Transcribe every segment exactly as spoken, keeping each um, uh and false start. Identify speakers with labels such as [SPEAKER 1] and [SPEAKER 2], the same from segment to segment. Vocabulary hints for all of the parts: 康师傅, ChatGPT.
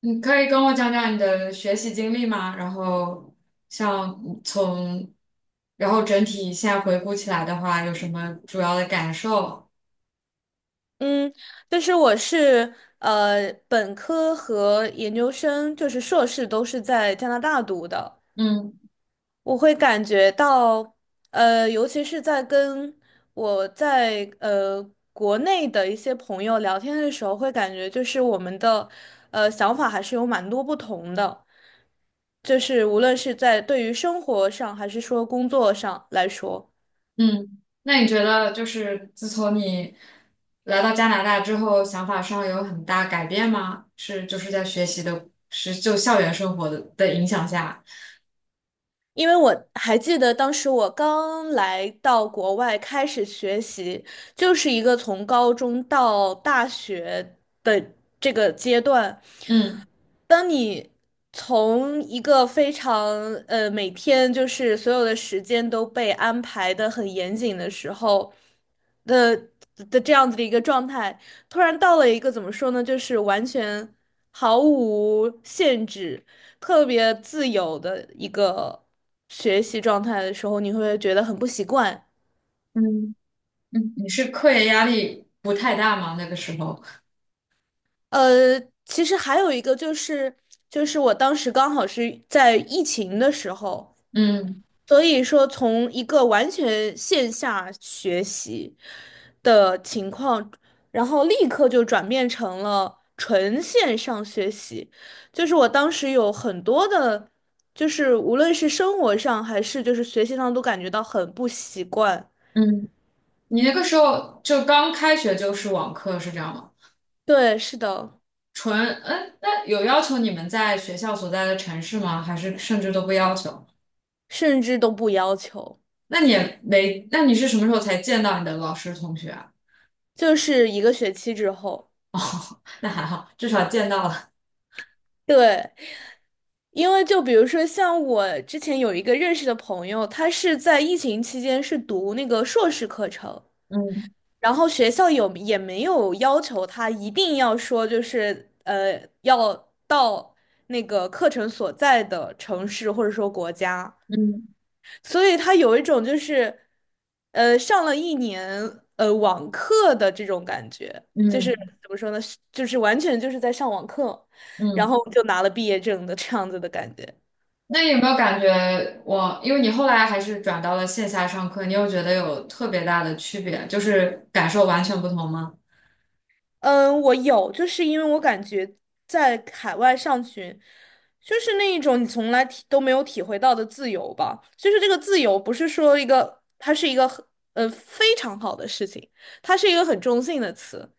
[SPEAKER 1] 你可以跟我讲讲你的学习经历吗？然后像从，然后整体现在回顾起来的话，有什么主要的感受？
[SPEAKER 2] 嗯，但是我是呃本科和研究生，就是硕士都是在加拿大读的。
[SPEAKER 1] 嗯
[SPEAKER 2] 我会感觉到，呃，尤其是在跟我在呃国内的一些朋友聊天的时候，会感觉就是我们的呃想法还是有蛮多不同的，就是无论是在对于生活上还是说工作上来说。
[SPEAKER 1] 嗯，那你觉得就是自从你来到加拿大之后，想法上有很大改变吗？是就是在学习的，是就校园生活的的影响下，
[SPEAKER 2] 因为我还记得当时我刚来到国外开始学习，就是一个从高中到大学的这个阶段，
[SPEAKER 1] 嗯，
[SPEAKER 2] 当你从一个非常呃每天就是所有的时间都被安排的很严谨的时候的的这样子的一个状态，突然到了一个怎么说呢，就是完全毫无限制、特别自由的一个学习状态的时候，你会不会觉得很不习惯？
[SPEAKER 1] 嗯嗯，你是课业压力不太大吗？那个时候，
[SPEAKER 2] 呃，其实还有一个就是，就是我当时刚好是在疫情的时候。
[SPEAKER 1] 嗯
[SPEAKER 2] 所以说，从一个完全线下学习的情况，然后立刻就转变成了纯线上学习。就是我当时有很多的，就是无论是生活上还是就是学习上，都感觉到很不习惯。
[SPEAKER 1] 嗯。你那个时候就刚开学就是网课是这样吗？
[SPEAKER 2] 对，是的，
[SPEAKER 1] 纯，嗯，那有要求你们在学校所在的城市吗？还是甚至都不要求？
[SPEAKER 2] 甚至都不要求，
[SPEAKER 1] 那你也没，那你是什么时候才见到你的老师同学啊？
[SPEAKER 2] 就是一个学期之后。
[SPEAKER 1] 那还好，至少见到了。
[SPEAKER 2] 对，因为就比如说像我之前有一个认识的朋友，他是在疫情期间是读那个硕士课程，
[SPEAKER 1] 嗯。
[SPEAKER 2] 然后学校有也没有要求他一定要说就是呃要到那个课程所在的城市或者说国家。
[SPEAKER 1] 嗯
[SPEAKER 2] 所以他有一种就是，呃，上了一年呃网课的这种感觉，就是
[SPEAKER 1] 嗯
[SPEAKER 2] 怎么说呢，是就是完全就是在上网课，然
[SPEAKER 1] 嗯。
[SPEAKER 2] 后就拿了毕业证的这样子的感觉。
[SPEAKER 1] 那你有没有感觉我，因为你后来还是转到了线下上课，你有觉得有特别大的区别，就是感受完全不同吗？
[SPEAKER 2] 嗯，我有，就是因为我感觉在海外上学，就是那一种你从来体都没有体会到的自由吧。就是这个自由，不是说一个，它是一个很呃非常好的事情，它是一个很中性的词，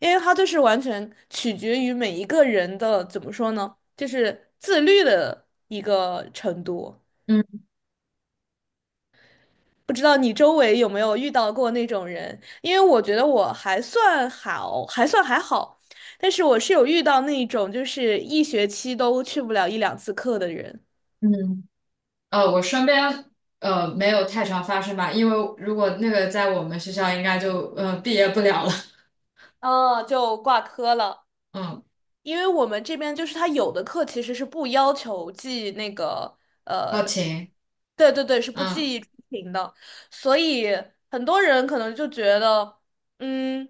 [SPEAKER 2] 因为它就是完全取决于每一个人的，怎么说呢，就是自律的一个程度。
[SPEAKER 1] 嗯，
[SPEAKER 2] 不知道你周围有没有遇到过那种人？因为我觉得我还算好，还算还好，但是我是有遇到那种就是一学期都去不了一两次课的人，
[SPEAKER 1] 嗯呃，我身边呃没有太常发生吧，因为如果那个在我们学校，应该就呃毕业不了了。
[SPEAKER 2] 啊，就挂科了。
[SPEAKER 1] 嗯，
[SPEAKER 2] 因为我们这边就是他有的课其实是不要求记那个
[SPEAKER 1] 好
[SPEAKER 2] 呃，
[SPEAKER 1] 勤，
[SPEAKER 2] 对对对，是不
[SPEAKER 1] 嗯
[SPEAKER 2] 记出勤的，所以很多人可能就觉得，嗯，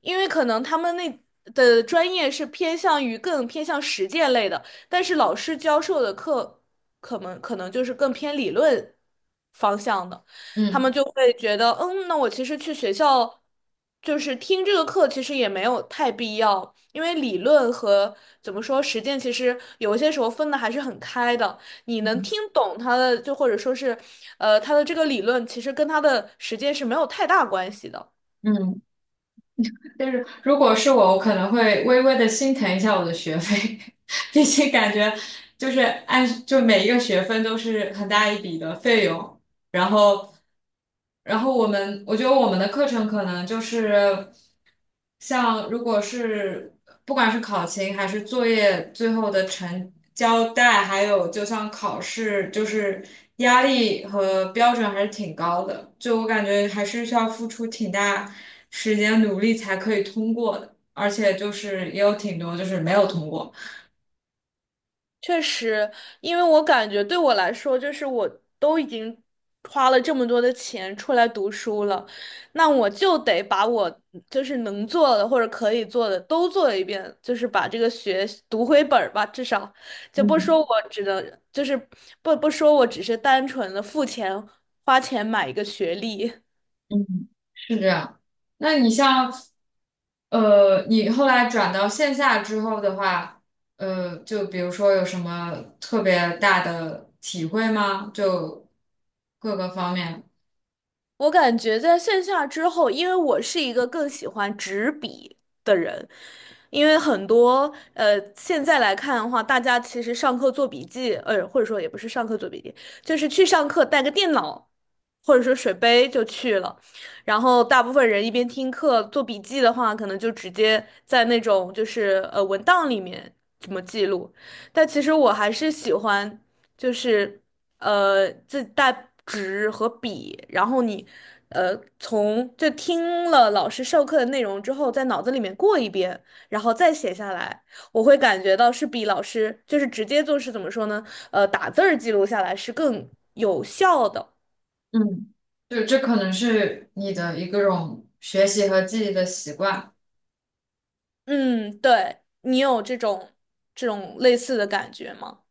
[SPEAKER 2] 因为可能他们那的专业是偏向于更偏向实践类的，但是老师教授的课可能可能就是更偏理论方向的。他们
[SPEAKER 1] 嗯
[SPEAKER 2] 就会觉得，嗯，那我其实去学校就是听这个课，其实也没有太必要，因为理论和怎么说实践，其实有一些时候分的还是很开的。你能听懂他的，就或者说是，呃，他的这个理论，其实跟他的实践是没有太大关系的。
[SPEAKER 1] 嗯，就是如果是我，我可能会微微的心疼一下我的学费，毕竟感觉就是按就每一个学分都是很大一笔的费用。然后，然后我们，我觉得我们的课程可能就是，像如果是不管是考勤还是作业最后的成交代，还有就像考试，就是压力和标准还是挺高的，就我感觉还是需要付出挺大时间努力才可以通过的，而且就是也有挺多就是没有通过。
[SPEAKER 2] 确实，因为我感觉对我来说，就是我都已经花了这么多的钱出来读书了，那我就得把我就是能做的或者可以做的都做一遍，就是把这个学读回本儿吧，至少就不说
[SPEAKER 1] 嗯。
[SPEAKER 2] 我只能就是不不说我只是单纯的付钱花钱买一个学历。
[SPEAKER 1] 嗯，是这样。那你像，呃，你后来转到线下之后的话，呃，就比如说有什么特别大的体会吗？就各个方面，
[SPEAKER 2] 我感觉在线下之后，因为我是一个更喜欢纸笔的人，因为很多呃，现在来看的话，大家其实上课做笔记，呃，或者说也不是上课做笔记，就是去上课带个电脑或者说水杯就去了，然后大部分人一边听课做笔记的话，可能就直接在那种就是呃文档里面怎么记录，但其实我还是喜欢就是。呃自带纸和笔，然后你呃从就听了老师授课的内容之后，在脑子里面过一遍，然后再写下来，我会感觉到是比老师就是直接就是怎么说呢？呃，打字儿记录下来是更有效的。
[SPEAKER 1] 嗯，就这可能是你的一个种学习和记忆的习惯。
[SPEAKER 2] 嗯，对，你有这种这种类似的感觉吗？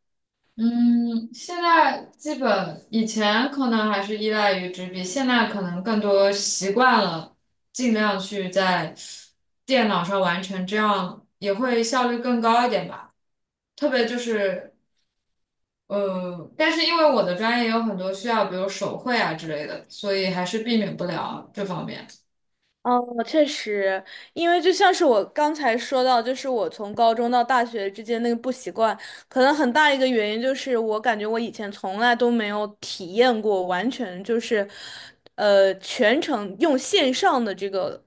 [SPEAKER 1] 嗯，现在基本以前可能还是依赖于纸笔，现在可能更多习惯了，尽量去在电脑上完成，这样也会效率更高一点吧。特别就是呃，但是因为我的专业有很多需要，比如手绘啊之类的，所以还是避免不了这方面。
[SPEAKER 2] 哦，确实，因为就像是我刚才说到，就是我从高中到大学之间那个不习惯，可能很大一个原因就是我感觉我以前从来都没有体验过，完全就是，呃，全程用线上的这个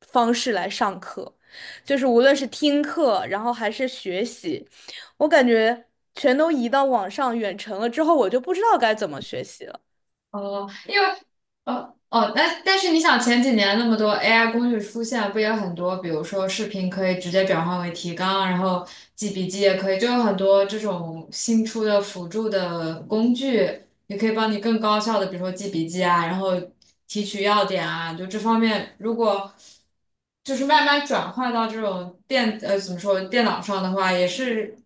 [SPEAKER 2] 方式来上课，就是无论是听课，然后还是学习，我感觉全都移到网上远程了之后，我就不知道该怎么学习了。
[SPEAKER 1] 哦，因为哦哦，那但是你想前几年那么多 A I 工具出现，不也很多？比如说视频可以直接转换为提纲，然后记笔记也可以，就有很多这种新出的辅助的工具，也可以帮你更高效的，比如说记笔记啊，然后提取要点啊，就这方面，如果就是慢慢转换到这种电呃怎么说电脑上的话，也是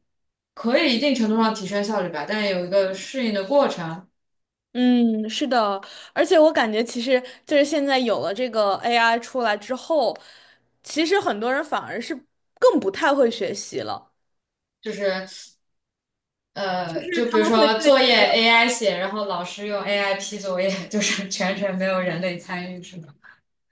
[SPEAKER 1] 可以一定程度上提升效率吧，但有一个适应的过程，
[SPEAKER 2] 嗯，是的，而且我感觉其实就是现在有了这个 A I 出来之后，其实很多人反而是更不太会学习了，
[SPEAKER 1] 就是。
[SPEAKER 2] 就
[SPEAKER 1] 呃，
[SPEAKER 2] 是
[SPEAKER 1] 就比
[SPEAKER 2] 他
[SPEAKER 1] 如
[SPEAKER 2] 们会
[SPEAKER 1] 说
[SPEAKER 2] 对
[SPEAKER 1] 作业
[SPEAKER 2] 这个，
[SPEAKER 1] A I 写，然后老师用 A I 批作业，就是全程没有人类参与，是吗？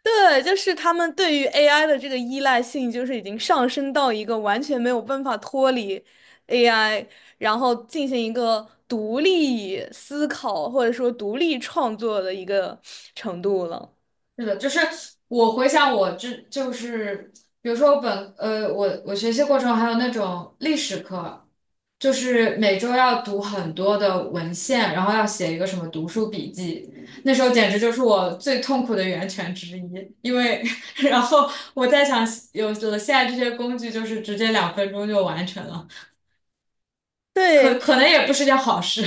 [SPEAKER 2] 对，就是他们对于 A I 的这个依赖性，就是已经上升到一个完全没有办法脱离 A I,然后进行一个独立思考或者说独立创作的一个程度了。
[SPEAKER 1] 是的，就是我回想我这就是比如说我本呃我我学习过程还有那种历史课，就是每周要读很多的文献，然后要写一个什么读书笔记，那时候简直就是我最痛苦的源泉之一，因为 然后我在想有了现在这些工具，就是直接两分钟就完成了。可
[SPEAKER 2] 对，
[SPEAKER 1] 可能也不是件好事。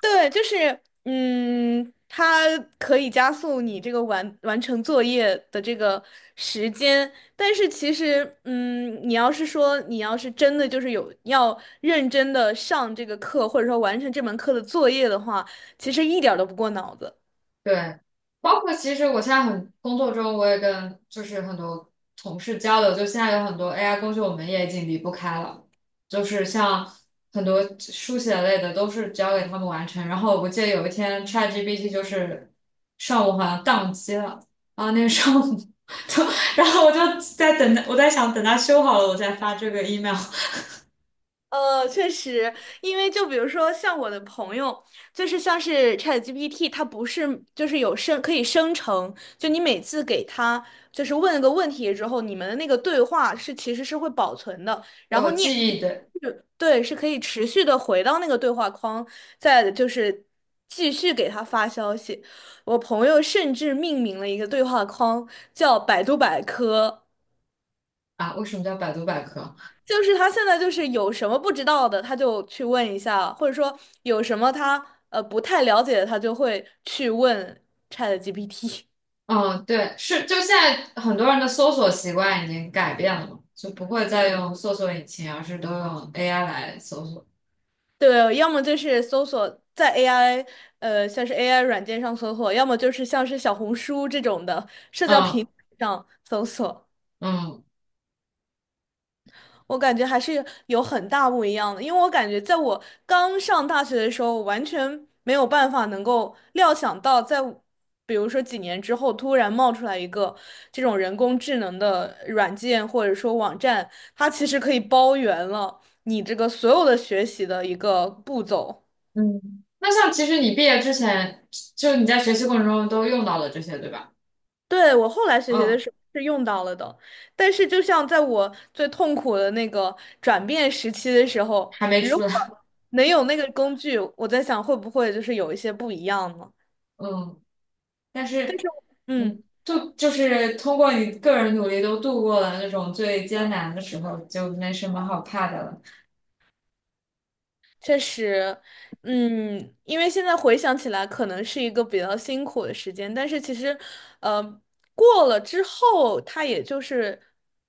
[SPEAKER 2] 对，就是，嗯，它可以加速你这个完完成作业的这个时间，但是其实，嗯，你要是说你要是真的就是有要认真的上这个课，或者说完成这门课的作业的话，其实一点儿都不过脑子。
[SPEAKER 1] 对，包括其实我现在很工作中，我也跟就是很多同事交流，就现在有很多 A I 工具，我们也已经离不开了，就是像很多书写类的都是交给他们完成。然后我记得有一天 ChatGPT 就是上午好像宕机了，啊，那个上午，然后我就在等它，我在想等它修好了我再发这个 e mail。
[SPEAKER 2] 呃，确实，因为就比如说像我的朋友，就是像是 ChatGPT,它不是就是有生可以生成，就你每次给他就是问个问题之后，你们的那个对话是其实是会保存的，然
[SPEAKER 1] 我
[SPEAKER 2] 后你也可
[SPEAKER 1] 记
[SPEAKER 2] 以
[SPEAKER 1] 忆的
[SPEAKER 2] 是对，是可以持续的回到那个对话框，再就是继续给他发消息。我朋友甚至命名了一个对话框叫百度百科。
[SPEAKER 1] 啊，为什么叫百度百科？
[SPEAKER 2] 就是他现在就是有什么不知道的，他就去问一下，或者说有什么他呃不太了解的，他就会去问 ChatGPT。
[SPEAKER 1] 嗯，对，是，就现在很多人的搜索习惯已经改变了嘛，就不会再用搜索引擎，而是都用 A I 来搜索。
[SPEAKER 2] 对，要么就是搜索在 A I 呃像是 A I 软件上搜索，要么就是像是小红书这种的社交
[SPEAKER 1] 嗯。
[SPEAKER 2] 平台上搜索。
[SPEAKER 1] 嗯
[SPEAKER 2] 我感觉还是有很大不一样的，因为我感觉在我刚上大学的时候，我完全没有办法能够料想到在我比如说几年之后，突然冒出来一个这种人工智能的软件或者说网站，它其实可以包圆了你这个所有的学习的一个步骤。
[SPEAKER 1] 嗯。那像其实你毕业之前，就你在学习过程中都用到了这些，对吧？
[SPEAKER 2] 对，我后来学习
[SPEAKER 1] 嗯，
[SPEAKER 2] 的时候是用到了的，但是就像在我最痛苦的那个转变时期的时候，
[SPEAKER 1] 还没
[SPEAKER 2] 如
[SPEAKER 1] 出
[SPEAKER 2] 果
[SPEAKER 1] 来。
[SPEAKER 2] 能有那个工具，我在想会不会就是有一些不一样呢？
[SPEAKER 1] 嗯，但
[SPEAKER 2] 但是，
[SPEAKER 1] 是
[SPEAKER 2] 嗯，
[SPEAKER 1] 你就就是通过你个人努力都度过了那种最艰难的时候，就没什么好怕的了。
[SPEAKER 2] 确实，嗯，因为现在回想起来，可能是一个比较辛苦的时间，但是其实，呃，过了之后，它也就是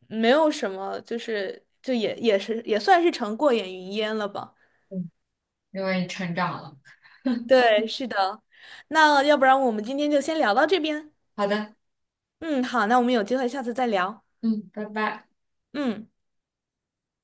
[SPEAKER 2] 没有什么，就是就也也是也算是成过眼云烟了吧。
[SPEAKER 1] 嗯，因为你成长了。
[SPEAKER 2] 对，是的。那要不然我们今天就先聊到这边。
[SPEAKER 1] 好的，
[SPEAKER 2] 嗯，好，那我们有机会下次再聊。
[SPEAKER 1] 嗯，拜拜。
[SPEAKER 2] 嗯。